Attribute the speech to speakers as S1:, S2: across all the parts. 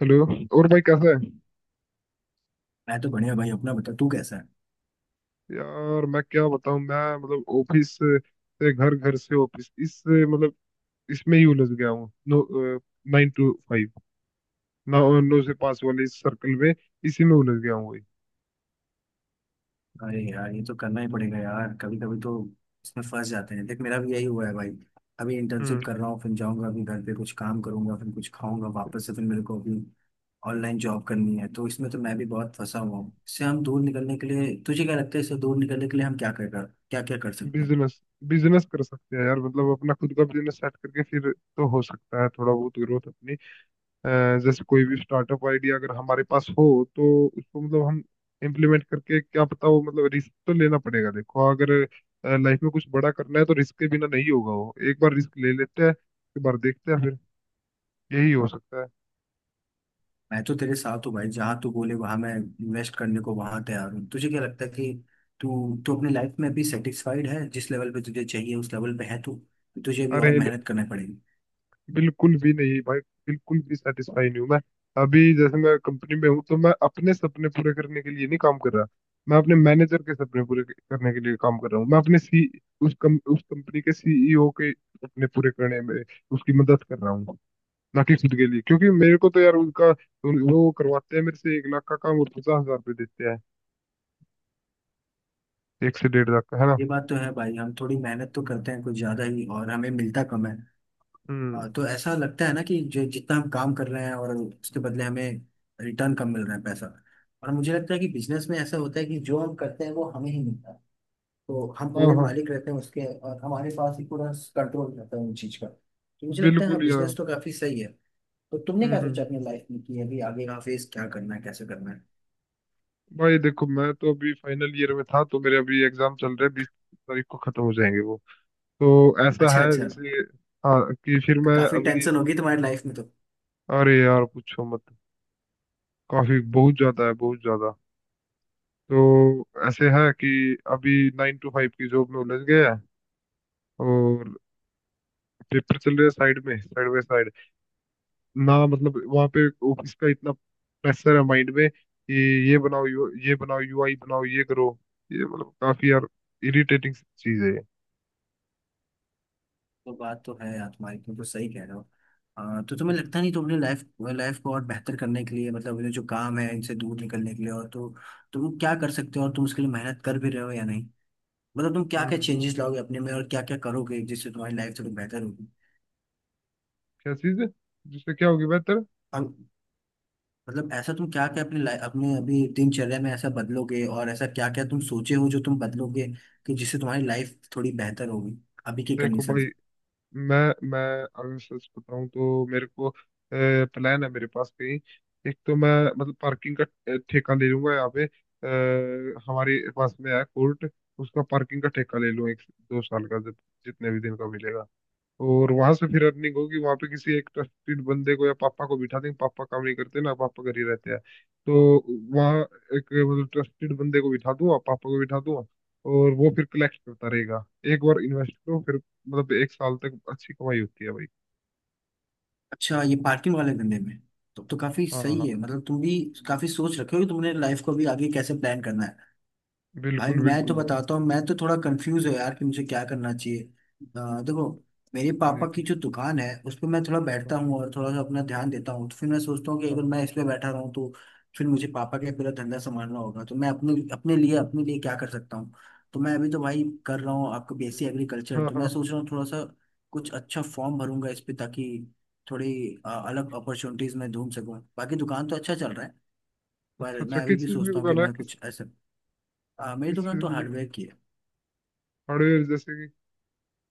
S1: Hello. और भाई कैसा है।
S2: मैं तो बढ़िया भाई अपना बता तू कैसा है।
S1: यार मैं क्या बताऊं। मैं मतलब ऑफिस से घर, घर से ऑफिस इस मतलब इसमें ही उलझ गया हूँ नो। नाइन टू फाइव, नौ नौ से पाँच वाले इस सर्कल में इसी में उलझ गया हूँ भाई।
S2: अरे यार ये तो करना ही पड़ेगा यार, कभी कभी तो इसमें फंस जाते हैं। देख मेरा भी यही हुआ है भाई। अभी
S1: हम्म।
S2: इंटर्नशिप कर रहा हूँ, फिर जाऊंगा, अभी घर पे कुछ काम करूंगा, फिर कुछ खाऊंगा, वापस से फिर मेरे को अभी ऑनलाइन जॉब करनी है। तो इसमें तो मैं भी बहुत फंसा हुआ हूँ। इससे हम दूर निकलने के लिए तुझे क्या लगता है, इससे दूर निकलने के लिए हम क्या कर क्या क्या कर सकते हैं?
S1: बिजनेस। बिजनेस कर सकते हैं यार, मतलब अपना खुद का बिजनेस सेट करके फिर तो हो सकता है थोड़ा बहुत ग्रोथ अपनी। अ, जैसे कोई भी स्टार्टअप आइडिया अगर हमारे पास हो तो उसको मतलब हम इम्प्लीमेंट करके, क्या पता। वो मतलब रिस्क तो लेना पड़ेगा। देखो अगर लाइफ में कुछ बड़ा करना है तो रिस्क के बिना नहीं होगा। वो एक बार रिस्क ले लेते हैं, एक बार देखते हैं, फिर यही हो सकता है।
S2: मैं तो तेरे साथ हूँ भाई, जहाँ तू बोले वहां मैं इन्वेस्ट करने को वहां तैयार हूँ। तुझे क्या लगता है कि तू तू अपनी लाइफ में अभी सेटिस्फाइड है? जिस लेवल पे तुझे चाहिए उस लेवल पे है तू? तो तुझे भी और
S1: अरे
S2: मेहनत करनी पड़ेगी।
S1: बिल्कुल भी नहीं भाई, बिल्कुल भी सेटिस्फाई नहीं हूँ मैं। अभी जैसे मैं कंपनी में हूँ तो मैं अपने सपने पूरे करने के लिए नहीं काम कर रहा, मैं अपने मैनेजर के सपने पूरे करने के लिए काम कर रहा हूँ। मैं अपने सी उस कम, उस कंपनी के सीईओ के सपने पूरे करने में उसकी मदद कर रहा हूँ, ना कि खुद के लिए। क्योंकि मेरे को तो यार उनका वो करवाते हैं मेरे से एक लाख का काम और पचास हजार रुपये देते हैं। एक से डेढ़ लाख का है ना।
S2: ये बात तो है भाई, हम थोड़ी मेहनत तो करते हैं कुछ ज्यादा ही और हमें मिलता कम है।
S1: हम्म।
S2: तो ऐसा लगता है ना कि जो जितना हम काम कर रहे हैं और उसके बदले हमें रिटर्न कम मिल रहा है पैसा। और मुझे लगता है कि बिजनेस में ऐसा होता है कि जो हम करते हैं वो हमें ही मिलता है। तो हम
S1: हाँ
S2: पूरे
S1: हाँ।
S2: मालिक रहते हैं उसके और हमारे पास ही पूरा कंट्रोल रहता है उन चीज का। तो मुझे लगता है
S1: बिल्कुल
S2: हाँ,
S1: यार।
S2: बिजनेस तो काफी सही है। तो तुमने
S1: हम्म
S2: क्या
S1: हम्म
S2: सोचा
S1: हम्म।
S2: अपनी लाइफ में कि अभी आगे का फेज क्या करना है, कैसे करना है?
S1: भाई देखो, मैं तो अभी फाइनल ईयर में था, तो मेरे अभी एग्जाम चल रहे हैं, बीस तारीख को खत्म हो जाएंगे वो। तो ऐसा
S2: अच्छा अच्छा।
S1: है जैसे, हाँ, कि फिर
S2: तो
S1: मैं
S2: काफी
S1: अभी।
S2: टेंशन होगी तुम्हारी लाइफ में तो।
S1: अरे यार पूछो मत, काफी बहुत ज्यादा है, बहुत ज्यादा। तो ऐसे है कि अभी नाइन टू फाइव की जॉब में उलझ गए हैं और पेपर चल रहे हैं साइड में, साइड बाय साइड। ना मतलब वहाँ पे ऑफिस का इतना प्रेशर है माइंड में कि ये बनाओ, यू ये बनाओ, यूआई बनाओ, ये करो, ये मतलब काफी यार इरिटेटिंग चीज है ये।
S2: तो बात तो है यार तुम्हारी, तुम तो सही कह रहे हो। तो तुम्हें
S1: हम्म
S2: लगता नहीं तुम अपनी लाइफ लाइफ को और बेहतर करने के लिए, मतलब ये जो काम है इनसे दूर निकलने के लिए और तो तुम क्या कर सकते हो, और तुम उसके लिए मेहनत कर भी रहे हो या नहीं? मतलब तुम क्या
S1: हम्म,
S2: क्या
S1: हम्म।
S2: चेंजेस लाओगे अपने में और क्या क्या करोगे जिससे तुम्हारी लाइफ थोड़ी बेहतर होगी?
S1: क्या चीज है जिससे क्या होगी बेहतर।
S2: मतलब ऐसा तुम क्या क्या अपने अपने अभी दिनचर्या में ऐसा बदलोगे, और ऐसा क्या क्या तुम सोचे हो जो तुम बदलोगे कि जिससे तुम्हारी लाइफ थोड़ी बेहतर होगी अभी की
S1: देखो
S2: कंडीशन
S1: भाई,
S2: से?
S1: मैं मैं अगर सच बताऊं तो मेरे को प्लान है मेरे पास कहीं। एक तो मैं मतलब पार्किंग का ठेका ले लूंगा यहाँ पे। हमारे पास में है कोर्ट, उसका पार्किंग का ठेका ले लूं एक दो साल का, जब जितने भी दिन का मिलेगा। और वहां से फिर अर्निंग होगी, वहां पे किसी एक ट्रस्टेड बंदे को या पापा को बिठा देंगे। पापा काम नहीं करते ना, पापा घर ही रहते हैं। तो वहाँ एक मतलब ट्रस्टेड बंदे को बिठा दूंगा, पापा को बिठा दूंगा, और वो फिर कलेक्ट करता रहेगा। एक बार इन्वेस्ट करो, फिर मतलब एक साल तक अच्छी कमाई होती है भाई।
S2: अच्छा, ये पार्किंग वाले धंधे में। तो काफी
S1: हाँ
S2: सही
S1: हाँ।
S2: है, मतलब तुम भी काफी सोच रखे हो कि तुमने लाइफ को अभी आगे कैसे प्लान करना है। भाई
S1: बिल्कुल
S2: मैं
S1: बिल्कुल
S2: तो
S1: भाई।
S2: बताता हूँ, मैं तो थोड़ा कंफ्यूज हूँ यार कि मुझे क्या करना चाहिए। देखो मेरे
S1: एक
S2: पापा
S1: मिनट,
S2: की जो दुकान है उस पर मैं थोड़ा
S1: हाँ।
S2: बैठता हूँ और थोड़ा सा अपना
S1: हाँ।
S2: ध्यान देता हूँ, तो फिर मैं सोचता हूँ कि अगर मैं इस पे बैठा रहूँ तो फिर मुझे पापा का पूरा धंधा संभालना होगा, तो मैं अपने
S1: हाँ,
S2: अपने लिए क्या कर सकता हूँ? तो मैं अभी तो भाई कर रहा हूँ आपको बीएससी
S1: हाँ,
S2: एग्रीकल्चर,
S1: हाँ,
S2: तो मैं
S1: हाँ।
S2: सोच रहा हूँ थोड़ा सा कुछ अच्छा फॉर्म भरूंगा इस पे ताकि थोड़ी अलग अपॉर्चुनिटीज मैं ढूंढ सकूँ। बाकी दुकान तो अच्छा चल रहा है,
S1: अच्छा
S2: पर
S1: अच्छा,
S2: मैं अभी
S1: किस
S2: भी
S1: चीज की
S2: सोचता हूँ कि
S1: दुकान है,
S2: मैं
S1: किस
S2: कुछ ऐसा। मेरी
S1: किस
S2: दुकान
S1: चीज
S2: तो
S1: की दुकान?
S2: हार्डवेयर की है।
S1: हार्डवेयर जैसे कि?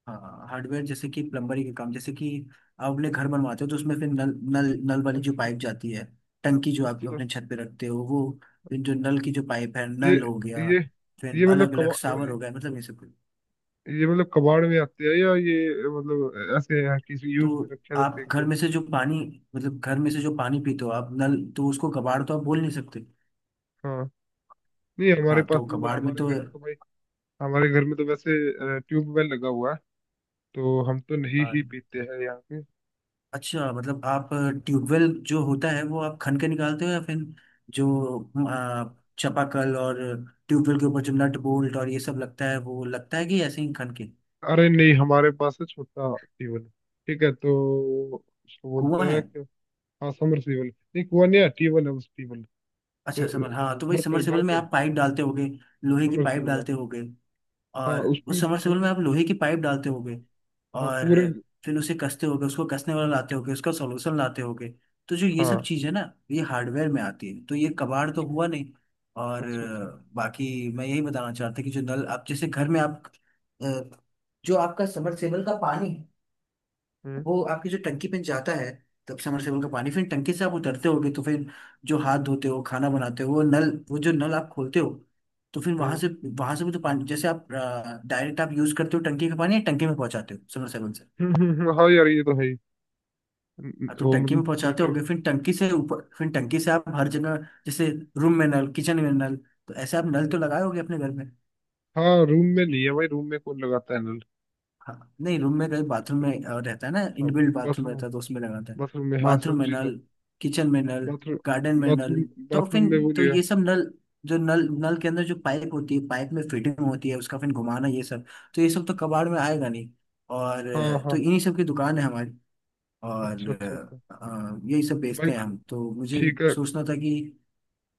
S2: हाँ, हार्डवेयर जैसे कि प्लम्बरी के काम, जैसे कि आप अपने घर बनवाते हो तो उसमें फिर नल नल नल वाली जो
S1: अच्छा
S2: पाइप जाती है, टंकी जो आप
S1: अच्छा।
S2: अपने छत पे रखते हो वो, फिर जो नल की जो पाइप है
S1: ये
S2: नल हो गया,
S1: ये
S2: फिर
S1: ये मतलब
S2: अलग
S1: कमा,
S2: अलग शावर हो गया, मतलब ये सब।
S1: ये मतलब कबाड़ में आते हैं, या ये मतलब ऐसे है किसी
S2: तो
S1: यूज कर रखे हैं तो
S2: आप
S1: फेंक
S2: घर
S1: दो।
S2: में से जो पानी, मतलब घर में से जो पानी पीते हो आप नल, तो उसको कबाड़ तो आप बोल नहीं सकते।
S1: हाँ। नहीं हमारे
S2: हाँ
S1: पास
S2: तो
S1: तो मतलब
S2: कबाड़ में
S1: हमारे
S2: तो।
S1: घर में तो भाई, हमारे घर में तो वैसे ट्यूबवेल लगा हुआ है, तो हम तो नहीं ही
S2: हाँ।
S1: पीते हैं यहाँ पे।
S2: अच्छा, मतलब आप ट्यूबवेल जो होता है वो आप खन के निकालते हो या फिर जो चापाकल और ट्यूबवेल के ऊपर जो नट बोल्ट और ये सब लगता है वो लगता है कि ऐसे ही खन के?
S1: अरे नहीं हमारे पास है छोटा ट्यूबवेल, ठीक है। तो उसको बोलते
S2: कुआं है?
S1: हैं कि हाँ समरसीबल, नहीं कुआं नहीं है, ट्यूबवेल है बस, ट्यूबवेल।
S2: अच्छा, समर
S1: तो
S2: हाँ,
S1: वो
S2: तो वही
S1: घर पे, घर
S2: समरसेबल में
S1: पे
S2: आप पाइप डालते होगे, लोहे की पाइप
S1: समरसीबल है।
S2: डालते होगे।
S1: हाँ
S2: और उस
S1: उसकी
S2: सबमर्सिबल में
S1: पूरी,
S2: आप लोहे की पाइप डालते होगे,
S1: हाँ
S2: और
S1: पूरे।
S2: फिर उसे कसते होगे, उसको कसने वाला लाते होगे, उसका सॉल्यूशन लाते होगे। तो जो ये सब
S1: हाँ।
S2: चीज़ है ना, ये हार्डवेयर में आती है, तो ये कबाड़ तो
S1: अच्छा
S2: हुआ नहीं। और
S1: अच्छा अच्छा।
S2: बाकी मैं यही बताना चाहता कि जो नल आप जैसे घर में आप, अ, जो आपका सबमर्सिबल का पानी
S1: हम्म
S2: वो आपकी जो टंकी पे जाता है, तब समरसेबल का
S1: हम्म
S2: पानी फिर टंकी से आप उतरते होगे, तो फिर जो हाथ धोते हो, खाना बनाते हो, वो नल, वो जो नल आप खोलते हो, तो फिर वहां
S1: हम्म।
S2: से वहां से भी तो पानी जैसे आप डायरेक्ट आप यूज करते हो टंकी का पानी, या टंकी में पहुंचाते हो समरसेबल से?
S1: हाँ यार ये तो है ही।
S2: हाँ, तो
S1: वो
S2: टंकी में
S1: मतलब टू-
S2: पहुंचाते
S1: टू-
S2: होगे, फिर टंकी से ऊपर, फिर टंकी से आप हर जगह, जैसे रूम में नल, किचन में नल, तो ऐसे आप नल तो लगाए होगे अपने घर में।
S1: हाँ। रूम में नहीं है भाई, रूम में कौन लगाता है नल।
S2: हाँ नहीं, रूम में कहीं बाथरूम में रहता है ना,
S1: हाँ।
S2: इनबिल्ट बाथरूम
S1: बाथरूम,
S2: रहता है तो उसमें लगाता है।
S1: बाथरूम में हाँ
S2: बाथरूम
S1: सब
S2: में
S1: चीज
S2: नल,
S1: है।
S2: किचन में नल,
S1: बाथरूम
S2: गार्डन में नल,
S1: बाथरूम।
S2: तो फिर
S1: बाथरूम में वो
S2: तो
S1: नहीं
S2: ये
S1: है।
S2: सब नल, जो नल नल के अंदर जो पाइप होती है, पाइप में फिटिंग होती है, उसका फिर घुमाना, ये सब, तो ये सब तो कबाड़ में आएगा नहीं। और
S1: हाँ हाँ
S2: तो
S1: हाँ।
S2: इन्हीं सब की दुकान है हमारी। और
S1: अच्छा अच्छा अच्छा।
S2: यही सब
S1: भाई
S2: बेचते हैं हम। तो मुझे
S1: ठीक है।
S2: सोचना था कि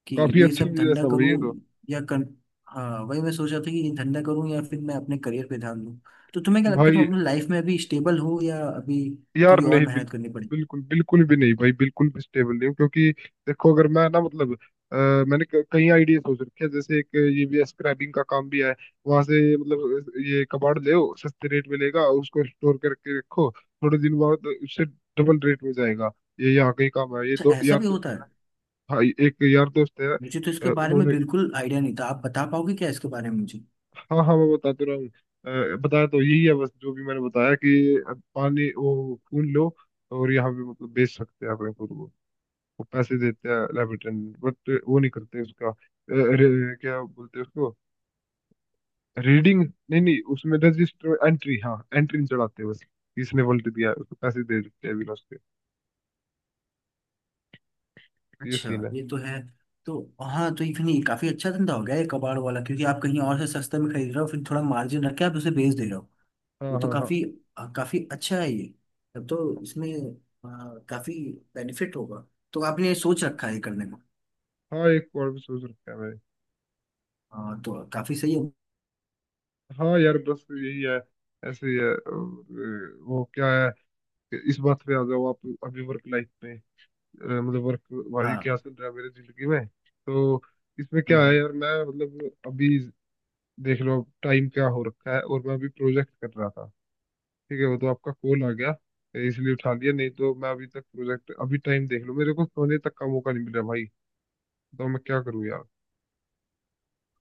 S2: कि
S1: काफी
S2: ये
S1: अच्छा
S2: सब
S1: बिजनेस
S2: धंधा
S1: है भाई ये
S2: करूं
S1: तो।
S2: या कर हाँ, वही मैं सोच रहा था कि ये धंधा करूं या फिर मैं अपने करियर पे ध्यान दूं। तो तुम्हें क्या लगता है
S1: भाई
S2: तुम अपनी लाइफ में अभी स्टेबल हो या अभी
S1: यार
S2: थोड़ी और
S1: नहीं,
S2: मेहनत
S1: बिल्कुल
S2: करनी पड़ी?
S1: बिल्कुल बिल्कुल भी नहीं भाई, बिल्कुल भी स्टेबल नहीं हूँ क्योंकि देखो अगर मैं ना मतलब अ, मैंने कई आइडिया सोच रखे हैं। जैसे एक ये भी स्क्रैबिंग का काम भी है। वहां से मतलब ये कबाड़ ले आओ, सस्ते रेट में लेगा, और उसको स्टोर करके रखो। थोड़े दिन बाद उससे डबल रेट में जाएगा। ये यहाँ का ही काम है, ये
S2: अच्छा,
S1: दो
S2: ऐसा
S1: यार
S2: भी होता
S1: दोस्त है।
S2: है?
S1: हाँ एक यार दोस्त है।
S2: मुझे तो इसके बारे में
S1: उन्होंने,
S2: बिल्कुल आइडिया नहीं था, आप बता पाओगे क्या इसके बारे में मुझे?
S1: हाँ हाँ मैं बता तो रहा हूँ। बताया तो यही है, बस जो भी मैंने बताया कि पानी वो फूल लो और यहाँ पे मतलब बेच सकते हैं अपने फूल को। वो पैसे देते हैं लैब अटेंडेंट, बट वो नहीं करते उसका क्या बोलते हैं उसको, रीडिंग। नहीं नहीं, उसमें रजिस्टर एंट्री, हाँ, एंट्री नहीं चढ़ाते बस। इसने वोल्ट दिया है, उसको पैसे दे देते हैं, बिना उसके। ये
S2: अच्छा,
S1: सीन है।
S2: ये तो है। तो हाँ तो इवन ये काफी अच्छा धंधा हो गया ये कबाड़ वाला, क्योंकि आप कहीं और से सस्ते में खरीद रहे हो फिर थोड़ा मार्जिन रख के आप उसे बेच दे रहे हो।
S1: हाँ
S2: ये तो
S1: हाँ हाँ।
S2: काफी काफी अच्छा है ये। तब तो इसमें काफी बेनिफिट होगा। तो आपने ये सोच रखा है करने को?
S1: हाँ एक और भी सोच रखा है मैंने।
S2: हाँ, तो काफी सही है।
S1: हाँ यार बस यही है, ऐसे ही है। और, वो क्या है कि इस बात पे आ जाओ आप अभी वर्क लाइफ पे। अ, मतलब वर्क भाई क्या
S2: हाँ।
S1: चल रहा है मेरी जिंदगी में तो इसमें
S2: हम्म।
S1: क्या है
S2: हम्म।
S1: यार मैं मतलब अभी देख लो अब टाइम क्या हो रखा है, और मैं अभी प्रोजेक्ट कर रहा था। ठीक है वो तो आपका कॉल आ गया इसलिए उठा लिया, नहीं तो मैं अभी तक प्रोजेक्ट। अभी टाइम देख लो, मेरे को सोने तक का मौका नहीं मिल रहा भाई, तो मैं क्या करूँ यार।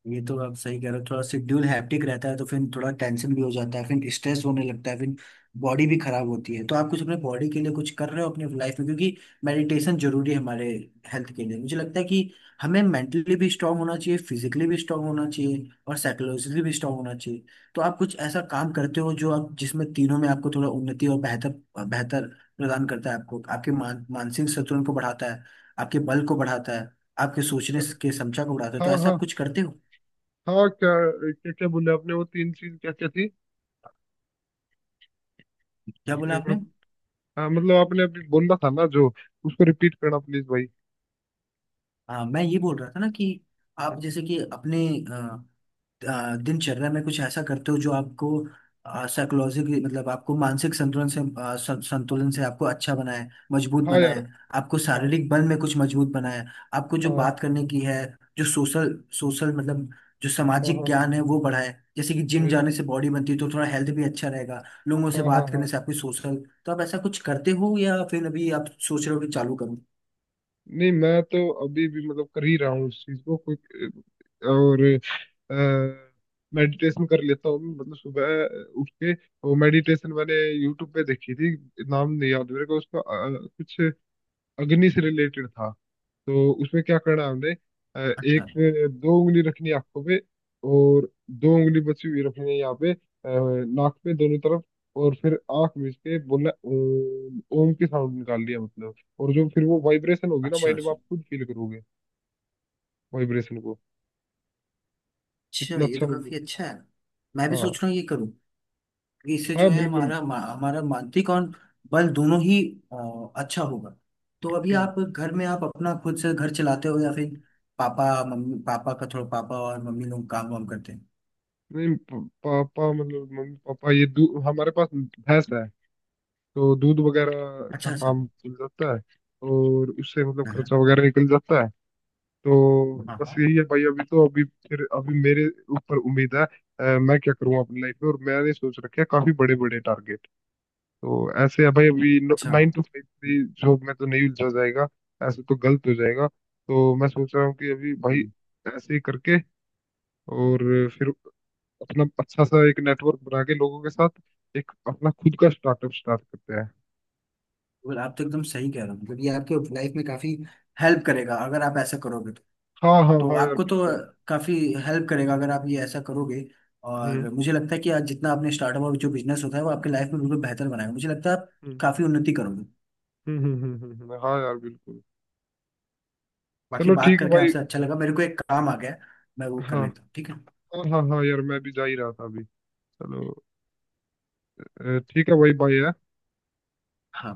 S2: ये तो आप सही कह रहे हो, थोड़ा शेड्यूल हैप्टिक रहता है तो फिर थोड़ा टेंशन भी हो जाता है, फिर स्ट्रेस होने लगता है, फिर बॉडी भी खराब होती है। तो आप कुछ अपने बॉडी के लिए कुछ कर रहे हो अपने लाइफ में, क्योंकि मेडिटेशन जरूरी है हमारे हेल्थ के लिए। मुझे लगता है कि हमें मेंटली भी स्ट्रांग होना चाहिए, फिजिकली भी स्ट्रांग होना चाहिए, और साइकोलॉजिकली भी स्ट्रांग होना चाहिए। तो आप कुछ ऐसा काम करते हो जो आप जिसमें तीनों में आपको थोड़ा उन्नति और बेहतर बेहतर प्रदान करता है, आपको आपके मानसिक संतुलन को बढ़ाता है, आपके बल को बढ़ाता है, आपके सोचने के क्षमता को बढ़ाता है,
S1: हाँ
S2: तो ऐसा आप
S1: हाँ
S2: कुछ करते हो?
S1: हाँ। क्या क्या क्या बोले आपने, वो तीन चीज क्या क्या थी,
S2: क्या
S1: एक
S2: बोला
S1: बार।
S2: आपने?
S1: हाँ मतलब आपने अभी बोला था ना जो, उसको रिपीट करना प्लीज भाई।
S2: मैं ये बोल रहा था ना कि आप जैसे कि अपने दिनचर्या में कुछ ऐसा करते हो जो आपको साइकोलॉजिकली, मतलब आपको मानसिक संतुलन से,
S1: हाँ
S2: संतुलन से आपको अच्छा बनाए, मजबूत
S1: हाँ
S2: बनाए।
S1: यार।
S2: आपको
S1: हाँ,
S2: शारीरिक बल में कुछ मजबूत बनाए। आपको जो
S1: हाँ
S2: बात करने की है जो सोशल, सोशल मतलब जो
S1: हाँ
S2: सामाजिक
S1: हाँ। हाँ
S2: ज्ञान है वो बढ़ाए, जैसे कि जिम जाने
S1: बिल्कुल।
S2: से बॉडी बनती है तो थोड़ा हेल्थ भी अच्छा रहेगा। लोगों से
S1: हाँ हाँ
S2: बात करने
S1: हाँ।
S2: से आपकी सोशल। तो आप ऐसा कुछ करते हो या फिर अभी आप सोच रहे हो कि चालू करूं?
S1: नहीं मैं तो अभी भी मतलब कर ही रहा हूँ उस चीज को, कोई और मेडिटेशन कर लेता हूँ मैं। मतलब सुबह उठ के, वो मेडिटेशन मैंने यूट्यूब पे देखी थी। नाम नहीं याद मेरे को उसका, कुछ अग्नि से रिलेटेड था। तो उसमें क्या करना है हमने, अ,
S2: अच्छा
S1: एक दो उंगली रखनी है आंखों पे, और दो उंगली बची हुई रखनी है यहाँ पे नाक पे दोनों तरफ। और फिर आंख मीच के बोलना, ओम ओम की साउंड निकाल लिया मतलब। और जो फिर वो वाइब्रेशन होगी ना
S2: अच्छा
S1: माइंड में,
S2: अच्छा।
S1: आप खुद फील करोगे वाइब्रेशन को,
S2: अच्छा,
S1: इतना
S2: ये
S1: अच्छा
S2: तो
S1: मतलब।
S2: काफी अच्छा है। मैं भी
S1: हाँ
S2: सोच रहा हूँ ये करूँ, क्योंकि इससे
S1: हाँ
S2: जो है
S1: बिल्कुल।
S2: हमारा हमारा मानसिक और बल दोनों ही अच्छा होगा। तो अभी
S1: हम्म।
S2: आप घर में आप अपना खुद से घर चलाते हो या फिर पापा, मम्मी पापा का थोड़ा, पापा और मम्मी लोग काम वाम करते हैं?
S1: नहीं पापा मतलब मम्मी पापा, ये दूध, हमारे पास भैंस है, तो दूध वगैरह का
S2: अच्छा अच्छा।
S1: काम चल जाता है, और उससे मतलब
S2: हाँ हाँ
S1: खर्चा वगैरह निकल जाता है। तो
S2: हाँ,
S1: बस
S2: हाँ।
S1: यही है भाई अभी तो। अभी फिर अभी मेरे ऊपर उम्मीद है, मैं क्या करूँ अपनी लाइफ में। और मैंने सोच रखे हैं काफी बड़े बड़े टारगेट। तो ऐसे है भाई, अभी
S2: अच्छा,
S1: नाइन टू फाइव की जॉब में तो नहीं उलझा जाएगा, ऐसे तो गलत हो जाएगा। तो मैं सोच रहा हूँ कि अभी भाई
S2: हम्म।
S1: ऐसे ही करके और फिर अपना अच्छा सा एक नेटवर्क बना के लोगों के साथ एक अपना खुद का स्टार्टअप स्टार्ट करते हैं।
S2: आप तो एकदम सही कह रहे हो, मतलब ये आपके लाइफ में काफी हेल्प करेगा अगर आप ऐसा करोगे तो।
S1: हाँ हाँ
S2: तो
S1: हाँ यार
S2: आपको तो
S1: बिल्कुल।
S2: काफ़ी हेल्प करेगा अगर आप ये ऐसा करोगे।
S1: हम्म
S2: और मुझे लगता है कि आज जितना आपने स्टार्टअप और जो बिजनेस होता है वो आपके लाइफ में बिल्कुल बेहतर बनाएगा, मुझे लगता है आप
S1: हम्म
S2: काफ़ी उन्नति करोगे।
S1: हाँ यार बिल्कुल।
S2: बाकी
S1: चलो
S2: बात
S1: ठीक है
S2: करके
S1: भाई।
S2: आपसे अच्छा लगा, मेरे को एक काम आ गया है, मैं वो कर
S1: हाँ,
S2: लेता हूँ, ठीक है।
S1: हाँ हाँ हाँ यार, मैं भी जा ही रहा था अभी। चलो ठीक है, वही बाय है।
S2: हाँ।